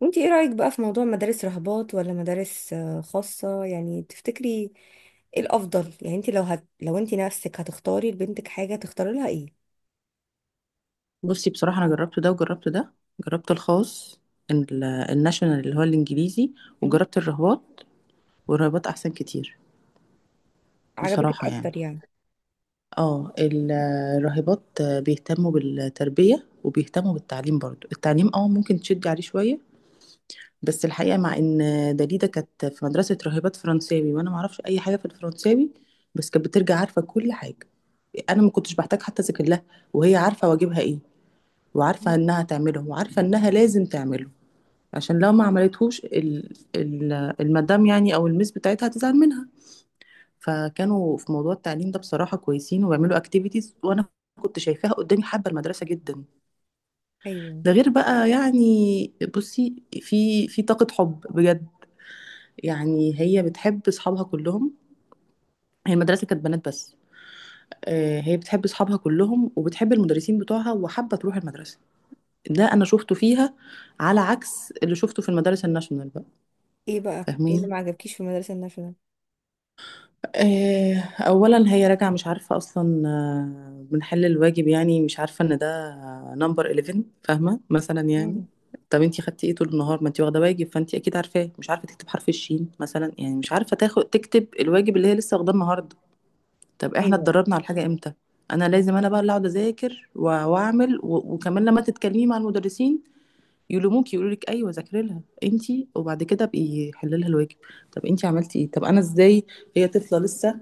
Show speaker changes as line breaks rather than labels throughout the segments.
وانتي ايه رأيك بقى في موضوع مدارس رهبات ولا مدارس خاصة يعني تفتكري ايه الافضل؟ يعني انتي لو انتي نفسك هتختاري لبنتك حاجة تختاري لها ايه؟
بصي بصراحة أنا جربت ده وجربت ده. جربت الخاص، الناشونال اللي هو الإنجليزي،
مم.
وجربت الرهبات. والرهبات أحسن كتير
عجبتك
بصراحة. يعني
اكتر يعني؟
اه ال- الراهبات بيهتموا بالتربية وبيهتموا بالتعليم، برضو التعليم ممكن تشدي عليه شوية. بس الحقيقة، مع ان دليدة كانت في مدرسة راهبات فرنساوي وانا معرفش اي حاجة في الفرنساوي، بس كانت بترجع عارفة كل حاجة. انا ما كنتش بحتاج حتى اذاكر لها، وهي عارفة واجبها ايه،
مم.
وعارفة انها تعمله وعارفة انها لازم تعمله، عشان لو ما عملتهوش المدام يعني او المس بتاعتها هتزعل منها. فكانوا في موضوع التعليم ده بصراحة كويسين، وبيعملوا اكتيفيتيز، وانا كنت شايفاها قدامي حابة المدرسة جدا.
ايوه.
ده غير بقى يعني، بصي، في طاقة حب بجد. يعني هي بتحب اصحابها كلهم، هي المدرسة كانت بنات بس. هي بتحب اصحابها كلهم وبتحب المدرسين بتوعها وحابة تروح المدرسة، ده انا شفته فيها، على عكس اللي شفته في المدارس الناشونال بقى.
ايه اللي
فاهمين؟
ما عجبكيش في المدرسة الناشونال؟
اولا هي راجعه مش عارفه اصلا، بنحل الواجب يعني، مش عارفه ان ده نمبر 11 فاهمه، مثلا يعني.
مم.
طب انتي خدتي ايه طول النهار؟ ما انتي واخده واجب فانتي اكيد عارفاه. مش عارفه تكتب حرف الشين مثلا يعني، مش عارفه تاخد تكتب الواجب اللي هي لسه واخداه النهارده. طب احنا
ايوه.
اتدربنا على الحاجه امتى؟ انا لازم انا بقى اللي اقعد اذاكر واعمل وكمان لما تتكلمي مع المدرسين يلوموك، يقولوا لك: ايوه ذاكري لها انتي، وبعد كده بقي حللها الواجب. طب انتي عملتي ايه؟ طب انا ازاي؟ هي طفله لسه.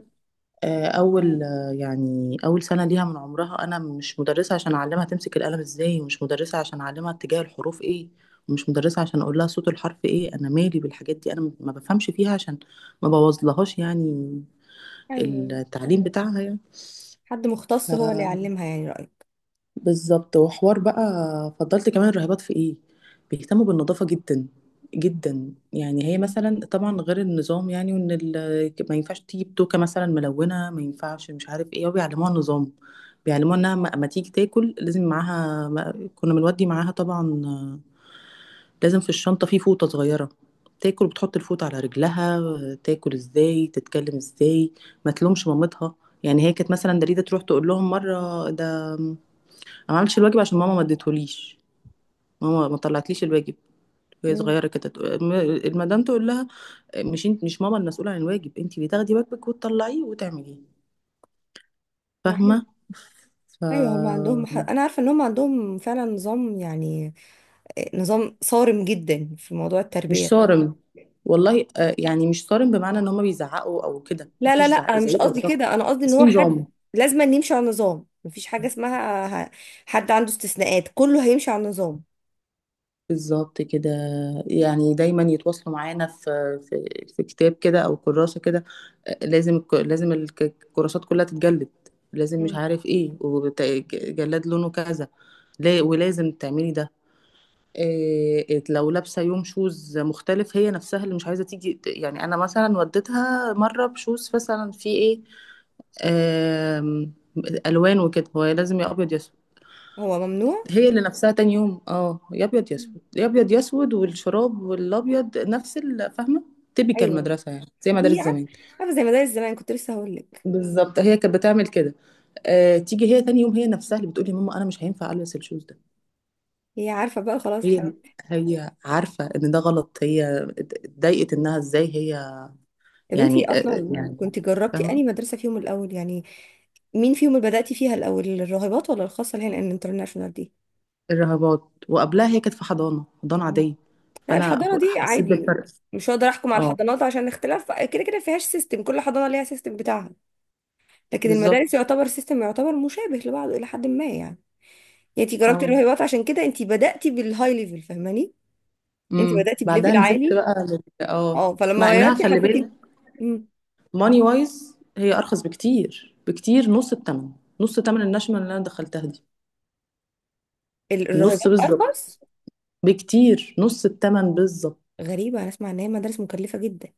آه، اول آه، يعني اول سنه ليها من عمرها. انا مش مدرسه عشان اعلمها تمسك القلم ازاي، ومش مدرسه عشان اعلمها اتجاه الحروف ايه، ومش مدرسه عشان اقول لها صوت الحرف ايه. انا مالي بالحاجات دي، انا ما بفهمش فيها، عشان ما بوظلهاش يعني
ايوه، أيوة.
التعليم بتاعها يعني.
حد مختص هو اللي
ف
يعلمها يعني، رأيك؟
بالظبط، وحوار بقى. فضلت كمان الراهبات في ايه؟ بيهتموا بالنظافة جدا جدا. يعني هي
مم.
مثلا طبعا غير النظام يعني، وان ما ينفعش تجيب توكة مثلا ملونة، ما ينفعش مش عارف ايه، وبيعلموها النظام. بيعلموها انها ما تيجي تاكل لازم معاها كنا بنودي معاها طبعا، لازم في الشنطة في فوطة صغيرة، تاكل بتحط الفوطة على رجلها، تاكل ازاي، تتكلم ازاي، ما تلومش مامتها. يعني هي كانت مثلا دريدة تروح تقول لهم مرة: ده انا ما عملتش الواجب عشان ماما ما اديتهوليش، ماما ما طلعتليش الواجب. وهي
امم.
صغيره كده، المدام تقول لها: مش انت؟ مش ماما المسؤوله عن الواجب، انت اللي تاخدي واجبك وتطلعيه وتعمليه.
حلو.
فاهمه؟ ف
ايوه، هم عندهم انا عارفه ان هم عندهم فعلا نظام يعني. نظام صارم جدا في موضوع التربيه
مش
ده.
صارم، والله. يعني مش صارم بمعنى ان هما بيزعقوا او كده،
لا لا
مفيش زعق
لا، مش
زعيق
قصدي
ولا ضغط،
كده، انا قصدي ان
بس في
هو حد
نظام.
لازم أن يمشي على النظام، مفيش حاجة اسمها حد عنده استثناءات، كله هيمشي على النظام.
بالظبط كده. يعني دايما يتواصلوا معانا في، في كتاب كده او كراسه كده. لازم الكراسات كلها تتجلد، لازم مش
مم.
عارف ايه، وجلاد لونه كذا، ولازم تعملي ده. إيه لو لابسه يوم شوز مختلف؟ هي نفسها اللي مش عايزه تيجي يعني، انا مثلا وديتها مره بشوز مثلا في ايه، آم، الوان وكده. هو لازم يا ابيض يا…
هو ممنوع.
هي اللي نفسها تاني يوم يا ابيض يا
مم.
اسود، يا ابيض يا اسود، والشراب والابيض نفس فاهمه؟ تبيكال
ايوه.
المدرسه يعني، زي مدارس
دي
زمان.
عارفة زي مدارس زمان، كنت لسه هقول لك.
بالظبط، هي كانت بتعمل كده. تيجي هي تاني يوم، هي نفسها اللي بتقولي: يا ماما انا مش هينفع البس الشوز ده.
هي عارفة بقى، خلاص
هي
حرام.
هي عارفه ان ده غلط، هي اتضايقت انها ازاي هي
طب انتي
يعني.
اصلا
يعني
كنت جربتي
فاهمه.
انهي مدرسة فيهم الاول يعني؟ مين فيهم اللي بدأتي فيها الاول، الراهبات ولا الخاصة اللي هي الانترناشونال دي؟
الرهبات. وقبلها هي كانت في حضانه، حضانه
مم.
عاديه.
لا،
فانا
الحضانة دي
حسيت
عادي.
بالفرق.
مش هقدر احكم على
اه.
الحضانات عشان اختلاف كده كده، فيهاش سيستم، كل حضانة ليها سيستم بتاعها. لكن المدارس
بالظبط.
يعتبر سيستم يعتبر مشابه لبعضه الى حد ما يعني. يعني انت جربتي
اه.
الرهيبات، عشان كده انت بدأتي بالهاي ليفل، فاهماني؟ انت بدأتي
بعدها
بليفل
نزلت
عالي.
بقى لل... اه
اه، فلما
مع انها،
غيرتي
خلي
حسيتي.
بالك،
مم.
ماني وايز هي ارخص بكتير بكتير، نص الثمن. نص الثمن الناشونال اللي انا دخلتها دي. نص
الرهيبات
بالظبط.
ارخص؟
بكتير، نص الثمن بالظبط.
غريبة، انا اسمع ان هي مدارس مكلفة جدا.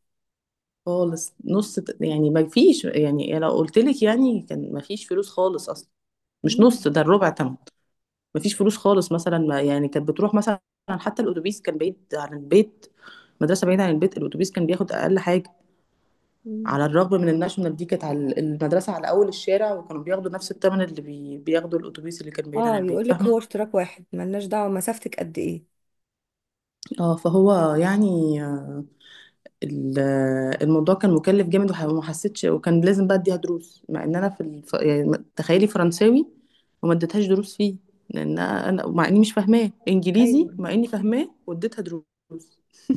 خالص، نص يعني، ما فيش يعني، لو قلت لك يعني كان ما فيش فلوس خالص اصلا. مش
مم.
نص، ده الربع ثمن. ما فيش فلوس خالص، مثلا ما يعني كانت بتروح مثلا، حتى الاتوبيس كان بعيد عن البيت. مدرسه بعيده عن البيت، الاتوبيس كان بياخد اقل حاجه،
مم.
على الرغم من الناشونال دي كانت على المدرسة على أول الشارع، وكانوا بياخدوا نفس الثمن اللي بياخدوا الأتوبيس اللي كان بعيد عن
اه،
البيت.
يقول لك هو
فاهمة؟
اشتراك واحد، ملناش دعوة مسافتك قد ايه.
اه، فهو يعني، الموضوع كان مكلف جامد، وما حسيتش، وكان لازم بقى أديها دروس، مع إن أنا يعني تخيلي، فرنساوي وما اديتهاش دروس فيه، لأن أنا مع إني مش فاهماه. إنجليزي
ايوه.
مع إني فاهماه، واديتها دروس.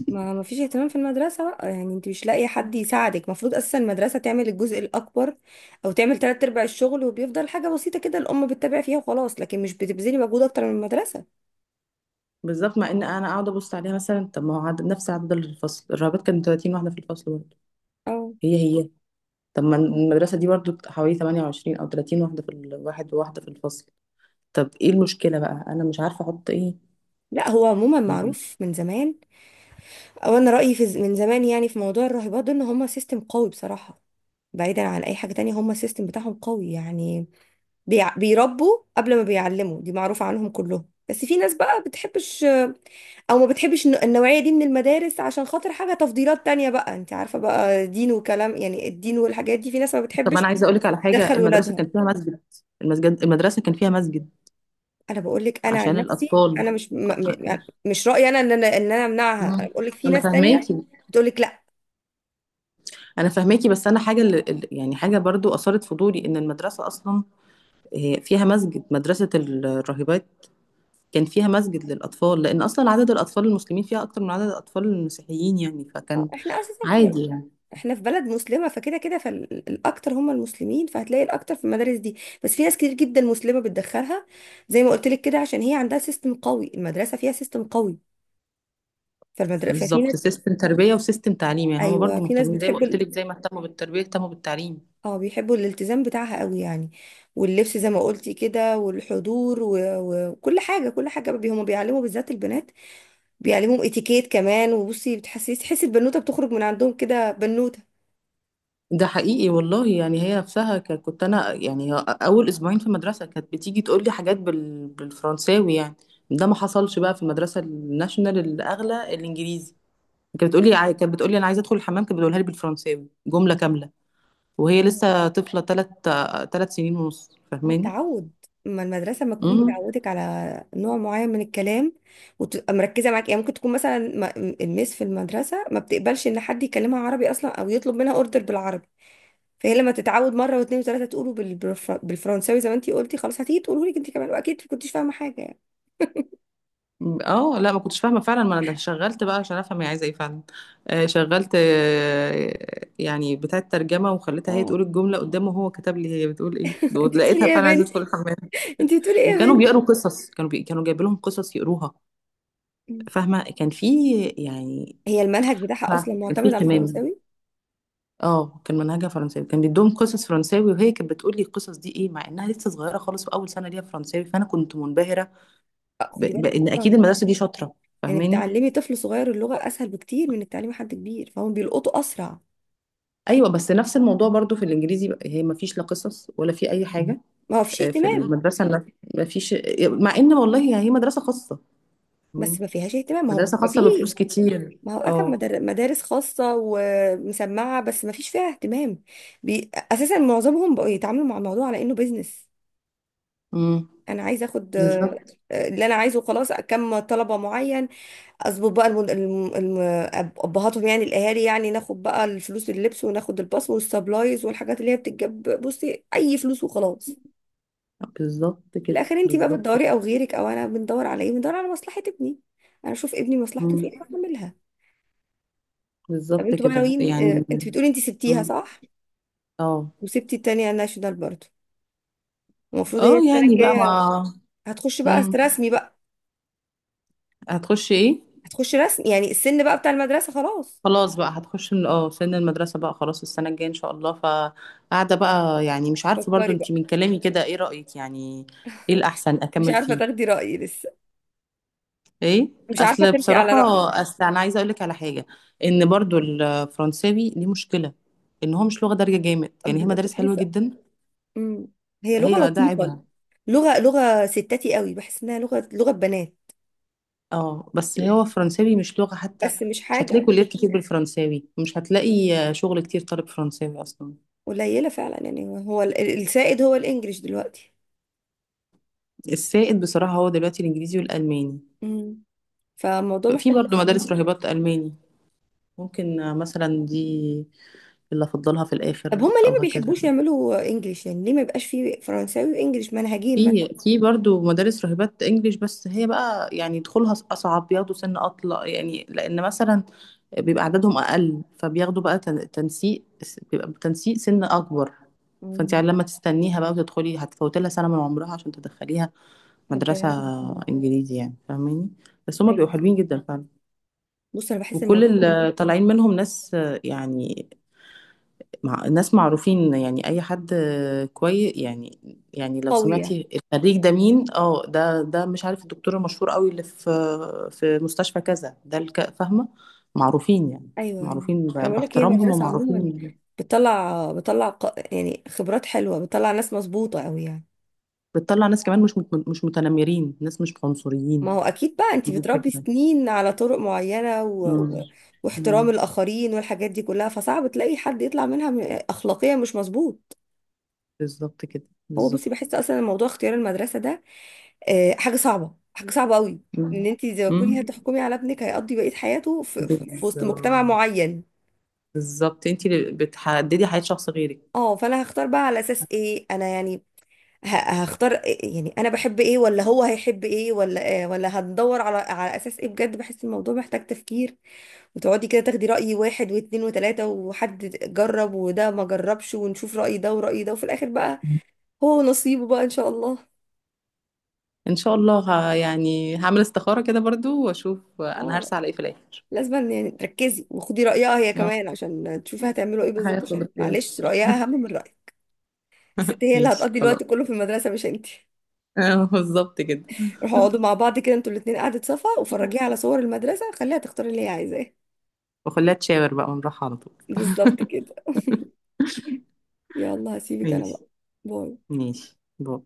ما فيش اهتمام في المدرسة بقى يعني، انت مش لاقي حد يساعدك، المفروض اصلا المدرسة تعمل الجزء الاكبر. او تعمل تلات ارباع الشغل، وبيفضل حاجة بسيطة كده الام بتتابع فيها وخلاص، لكن مش بتبذلي مجهود اكتر من المدرسة.
بالظبط. مع إن أنا قاعدة أبص عليها مثلا، طب ما هو عدد نفس عدد الفصل. الرهبات كانت 30 واحدة في الفصل برضه،
او
هي. طب ما المدرسة دي برضو حوالي 28 أو 30 واحدة في الواحد، وواحدة في الفصل. طب ايه المشكلة بقى؟ أنا مش عارفة أحط ايه.
لا، هو عموما معروف من زمان. او انا رأيي في من زمان يعني في موضوع الراهبات ده ان هم سيستم قوي بصراحة. بعيدا عن اي حاجة تانية، هم السيستم بتاعهم قوي يعني. بيربوا قبل ما بيعلموا، دي معروفة عنهم كلهم، بس في ناس بقى بتحبش. او ما بتحبش النوعية دي من المدارس عشان خاطر حاجة، تفضيلات تانية بقى، انت عارفة بقى، دين وكلام، يعني الدين والحاجات دي في ناس ما
طب
بتحبش
أنا عايزة أقولك على حاجة:
تدخل
المدرسة
ولادها.
كان فيها مسجد. المدرسة كان فيها مسجد
انا بقول لك انا عن
عشان
نفسي،
الأطفال.
انا مش يعني مش رأيي انا ان انا امنعها، انا
مم.
بقول لك في
أنا
ناس تانية
فاهماكي.
بتقول لك لا.
أنا فاهماكي، بس أنا حاجة يعني حاجة برضو أثارت فضولي، إن المدرسة أصلا، فيها مسجد. مدرسة الراهبات كان فيها مسجد للأطفال، لأن أصلا عدد الأطفال المسلمين فيها أكتر من عدد الأطفال المسيحيين، يعني
آه،
فكان
احنا اساسا في...
عادي يعني.
احنا في بلد مسلمة فكده كده، فالاكتر هم المسلمين، فهتلاقي الاكتر في المدارس دي. بس في ناس كتير جدا مسلمة بتدخلها. زي ما قلت لك كده، عشان هي عندها سيستم قوي، المدرسة فيها سيستم قوي. فالمدرسة ففي ناس.
بالظبط، سيستم تربية وسيستم تعليم. يعني هما
ايوه،
برضو
في ناس
مهتمين، زي ما قلت
بتحب.
لك، زي ما اهتموا بالتربية اهتموا بالتعليم.
اه، بيحبوا الالتزام بتاعها قوي يعني. واللبس زي ما قلتي كده والحضور وكل حاجه كل حاجه، هما بيعلموا بالذات البنات. بيعلموهم اتيكيت كمان، وبصي بتحسي، البنوته بتخرج من عندهم كده بنوته.
ده حقيقي والله. يعني هي نفسها كنت انا يعني اول اسبوعين في المدرسة كانت بتيجي تقول لي حاجات بالفرنساوي يعني. ده ما حصلش بقى في المدرسة الناشونال الاغلى الانجليزي. كانت بتقول لي انا عايزة ادخل الحمام. كانت بتقولها لي بالفرنساوي جملة كاملة، وهي لسه طفلة ثلاث سنين ونص،
هو
فاهماني؟
تعود. ما المدرسه ما تكون بتعودك على نوع معين من الكلام، وتبقى مركزه معاك، يعني ممكن تكون مثلا الميس في المدرسه ما بتقبلش ان حد يكلمها عربي اصلا او يطلب منها اوردر بالعربي. فهي لما تتعود مره واثنين وثلاثه تقولوا بالفرنساوي زي ما انتي قلتي، خلاص هتيجي تقولوا لك انت كمان، واكيد ما كنتيش فاهمه حاجه يعني.
اه لا، ما كنتش فاهمه فعلا. ما انا شغلت بقى عشان افهم هي عايزه ايه فعلا. شغلت يعني بتاعه ترجمه، وخليتها هي
اه.
تقول الجمله قدامه، وهو كتب لي هي بتقول ايه.
انت
دول
بتقولي
لقيتها
ايه يا
فعلا عايزه
بنت؟
ادخل الحمام.
انت بتقولي ايه يا
وكانوا
بنت؟
بيقروا قصص، كانوا جايبين لهم قصص يقروها، فاهمه؟ كان في يعني،
هي المنهج
مش
بتاعها
عارفة،
اصلا
كان في
معتمد على
اهتمام.
الفرنساوي.
اه، كان منهجها فرنساوي، كان بيدوهم قصص فرنساوي، وهي كانت بتقول لي القصص دي ايه، مع انها لسه صغيره خالص واول سنه ليها فرنساوي، فانا كنت منبهره
خدي بالك
بان اكيد
اصلا
المدرسه دي شاطره،
انك
فاهماني؟
تعلمي طفل صغير اللغه اسهل بكتير من انك تعلمي حد كبير، فهم بيلقطوا اسرع.
ايوه، بس نفس الموضوع برضو في الانجليزي بقى، هي ما فيش لا قصص ولا في اي حاجه.
ما هو فيش
في
اهتمام.
المدرسه ما، ما فيش. مع ان، والله يعني، هي مدرسه خاصه. مين؟
بس ما فيهاش اهتمام، ما هو
مدرسه
ما
خاصه
فيه.
بفلوس كتير،
ما هو اكم
اه.
مدارس خاصه ومسمعه، بس ما فيش فيها اهتمام. اساسا معظمهم بقوا يتعاملوا مع الموضوع على انه بيزنس.
امم.
انا عايزه اخد
بالظبط.
اللي انا عايزه خلاص كم طلبه معين. اظبط بقى ابهاتهم يعني الاهالي، يعني ناخد بقى الفلوس، اللبس، وناخد الباص والسبلايز والحاجات اللي هي بتتجاب، بصي اي فلوس، وخلاص.
بالظبط
في
كده
الاخر انت بقى
بالظبط.
بتدوري او غيرك او انا بندور على ايه؟ بندور على مصلحه ابني. انا اشوف ابني مصلحته
مم.
فين بعملها. طب
بالظبط
انتوا بقى
كده
ناويين،
يعني.
انت بتقولي انت سبتيها
مم.
صح؟
اه.
وسبتي التانية ناشونال برضه. المفروض هي
اه
السنه
يعني بقى
الجايه
مع.
هتخش بقى
مم.
رسمي بقى؟
هتخش ايه؟
هتخش رسمي يعني، السن بقى بتاع المدرسه خلاص.
خلاص بقى هتخش من سن المدرسة بقى، خلاص، السنة الجاية ان شاء الله. فقاعدة بقى، يعني مش عارفة، برضو
فكري بقى.
انتي من كلامي كده ايه رأيك يعني؟ ايه الأحسن
مش
اكمل
عارفة
فيه؟
تاخدي رأيي لسه.
ايه؟
مش عارفة
اصل
تلفي على
بصراحة،
رأيي.
اصل انا عايزة اقولك على حاجة: ان برضو الفرنساوي دي مشكلة، ان هو مش لغة دارجة جامد. يعني هي مدارس
كنت
حلوة
لسه.
جدا،
أم. هي لغة
هي ده
لطيفة.
عيبها.
لغة ستاتي قوي، بحس انها لغة بنات.
اه بس هو فرنساوي مش لغة حتى.
بس مش
مش
حاجة.
هتلاقي كليات كتير بالفرنساوي، مش هتلاقي شغل كتير طالب فرنساوي اصلا.
قليلة فعلا يعني، هو السائد هو الانجليش دلوقتي.
السائد بصراحة هو دلوقتي الانجليزي والالماني.
أم. فالموضوع
في
محتاج
برضه مدارس
تفكير.
راهبات ألماني. ممكن مثلا دي اللي أفضلها في
طب
الآخر،
هما ليه
أو
ما
هكذا.
بيحبوش يعملوا انجليش؟ يعني ليه ما يبقاش فيه فرنساوي وانجليش منهجين مثلا؟
في برضه مدارس راهبات إنجليش، بس هي بقى يعني دخولها أصعب، بياخدوا سن أطلع، يعني لأن مثلا بيبقى عددهم أقل، فبياخدوا بقى تنسيق، بيبقى تنسيق سن أكبر. فأنت
أم.
يعني لما تستنيها بقى وتدخلي، هتفوتي لها سنة من عمرها عشان تدخليها
هبدأ
مدرسة
أعرف.
إنجليزي، يعني فاهماني؟ بس هما
أيوة.
بيبقوا حلوين جدا فعلا،
بص، انا بحس
وكل
الموضوع
اللي طالعين منهم ناس يعني، مع ناس معروفين، يعني اي حد كويس يعني. يعني لو
قوي يعني.
سمعتي الخريج ده مين، ده مش عارف، الدكتور المشهور قوي اللي في في مستشفى كذا ده، فاهمه؟ معروفين يعني،
ايوه يعني.
معروفين
انا بقول لك هي
باحترامهم
مدرسه عموما
ومعروفين.
بتطلع يعني خبرات حلوه، بتطلع ناس مظبوطه قوي يعني.
بتطلع ناس كمان مش متنمرين، ناس مش عنصريين.
ما هو اكيد بقى، انت
دي
بتربي
الفكره.
سنين على طرق معينه
امم.
واحترام
أمم.
الاخرين والحاجات دي كلها، فصعب تلاقي حد يطلع منها اخلاقيا مش مظبوط.
بالظبط كده
هو
بالظبط.
بصي، بحس اصلا الموضوع اختيار المدرسه ده حاجه صعبه حاجه صعبه قوي. ان
أمم.
انت زي ما تكوني
أمم.
هتحكمي على ابنك، هيقضي بقيه حياته في
بالظبط.
وسط مجتمع معين.
بالظبط، انت اللي بتحددي حياه شخص غيرك.
اه، فانا هختار بقى على اساس ايه انا يعني؟ هختار يعني انا بحب ايه ولا هو هيحب ايه ولا إيه؟ ولا هندور على اساس ايه؟ بجد بحس الموضوع محتاج تفكير، وتقعدي كده تاخدي رأي واحد واتنين وتلاتة، وحد جرب وده ما جربش، ونشوف رأي ده ورأي ده، وفي الاخر بقى هو نصيبه بقى ان شاء الله.
ان شاء الله، يعني هعمل استخارة كده برضو، واشوف انا
اه،
هرسى على ايه في الاخر.
لازم يعني تركزي وخدي رأيها هي
اه.
كمان، عشان تشوفي هتعملوا ايه بالظبط،
هياخد
عشان
اختيار.
معلش رأيها اهم من رأيك. الست هي اللي
ماشي،
هتقضي
خلاص.
الوقت كله في المدرسة مش انتي.
بالظبط كده.
روحوا اقعدوا مع بعض كده انتوا الاتنين قعدة صفا، وفرجيها على صور المدرسة، خليها تختار اللي هي عايزاه.
وخليها تشاور بقى ونروح على طول.
بالظبط كده. يلا هسيبك انا
ماشي.
بقى. باي.
ماشي. باي.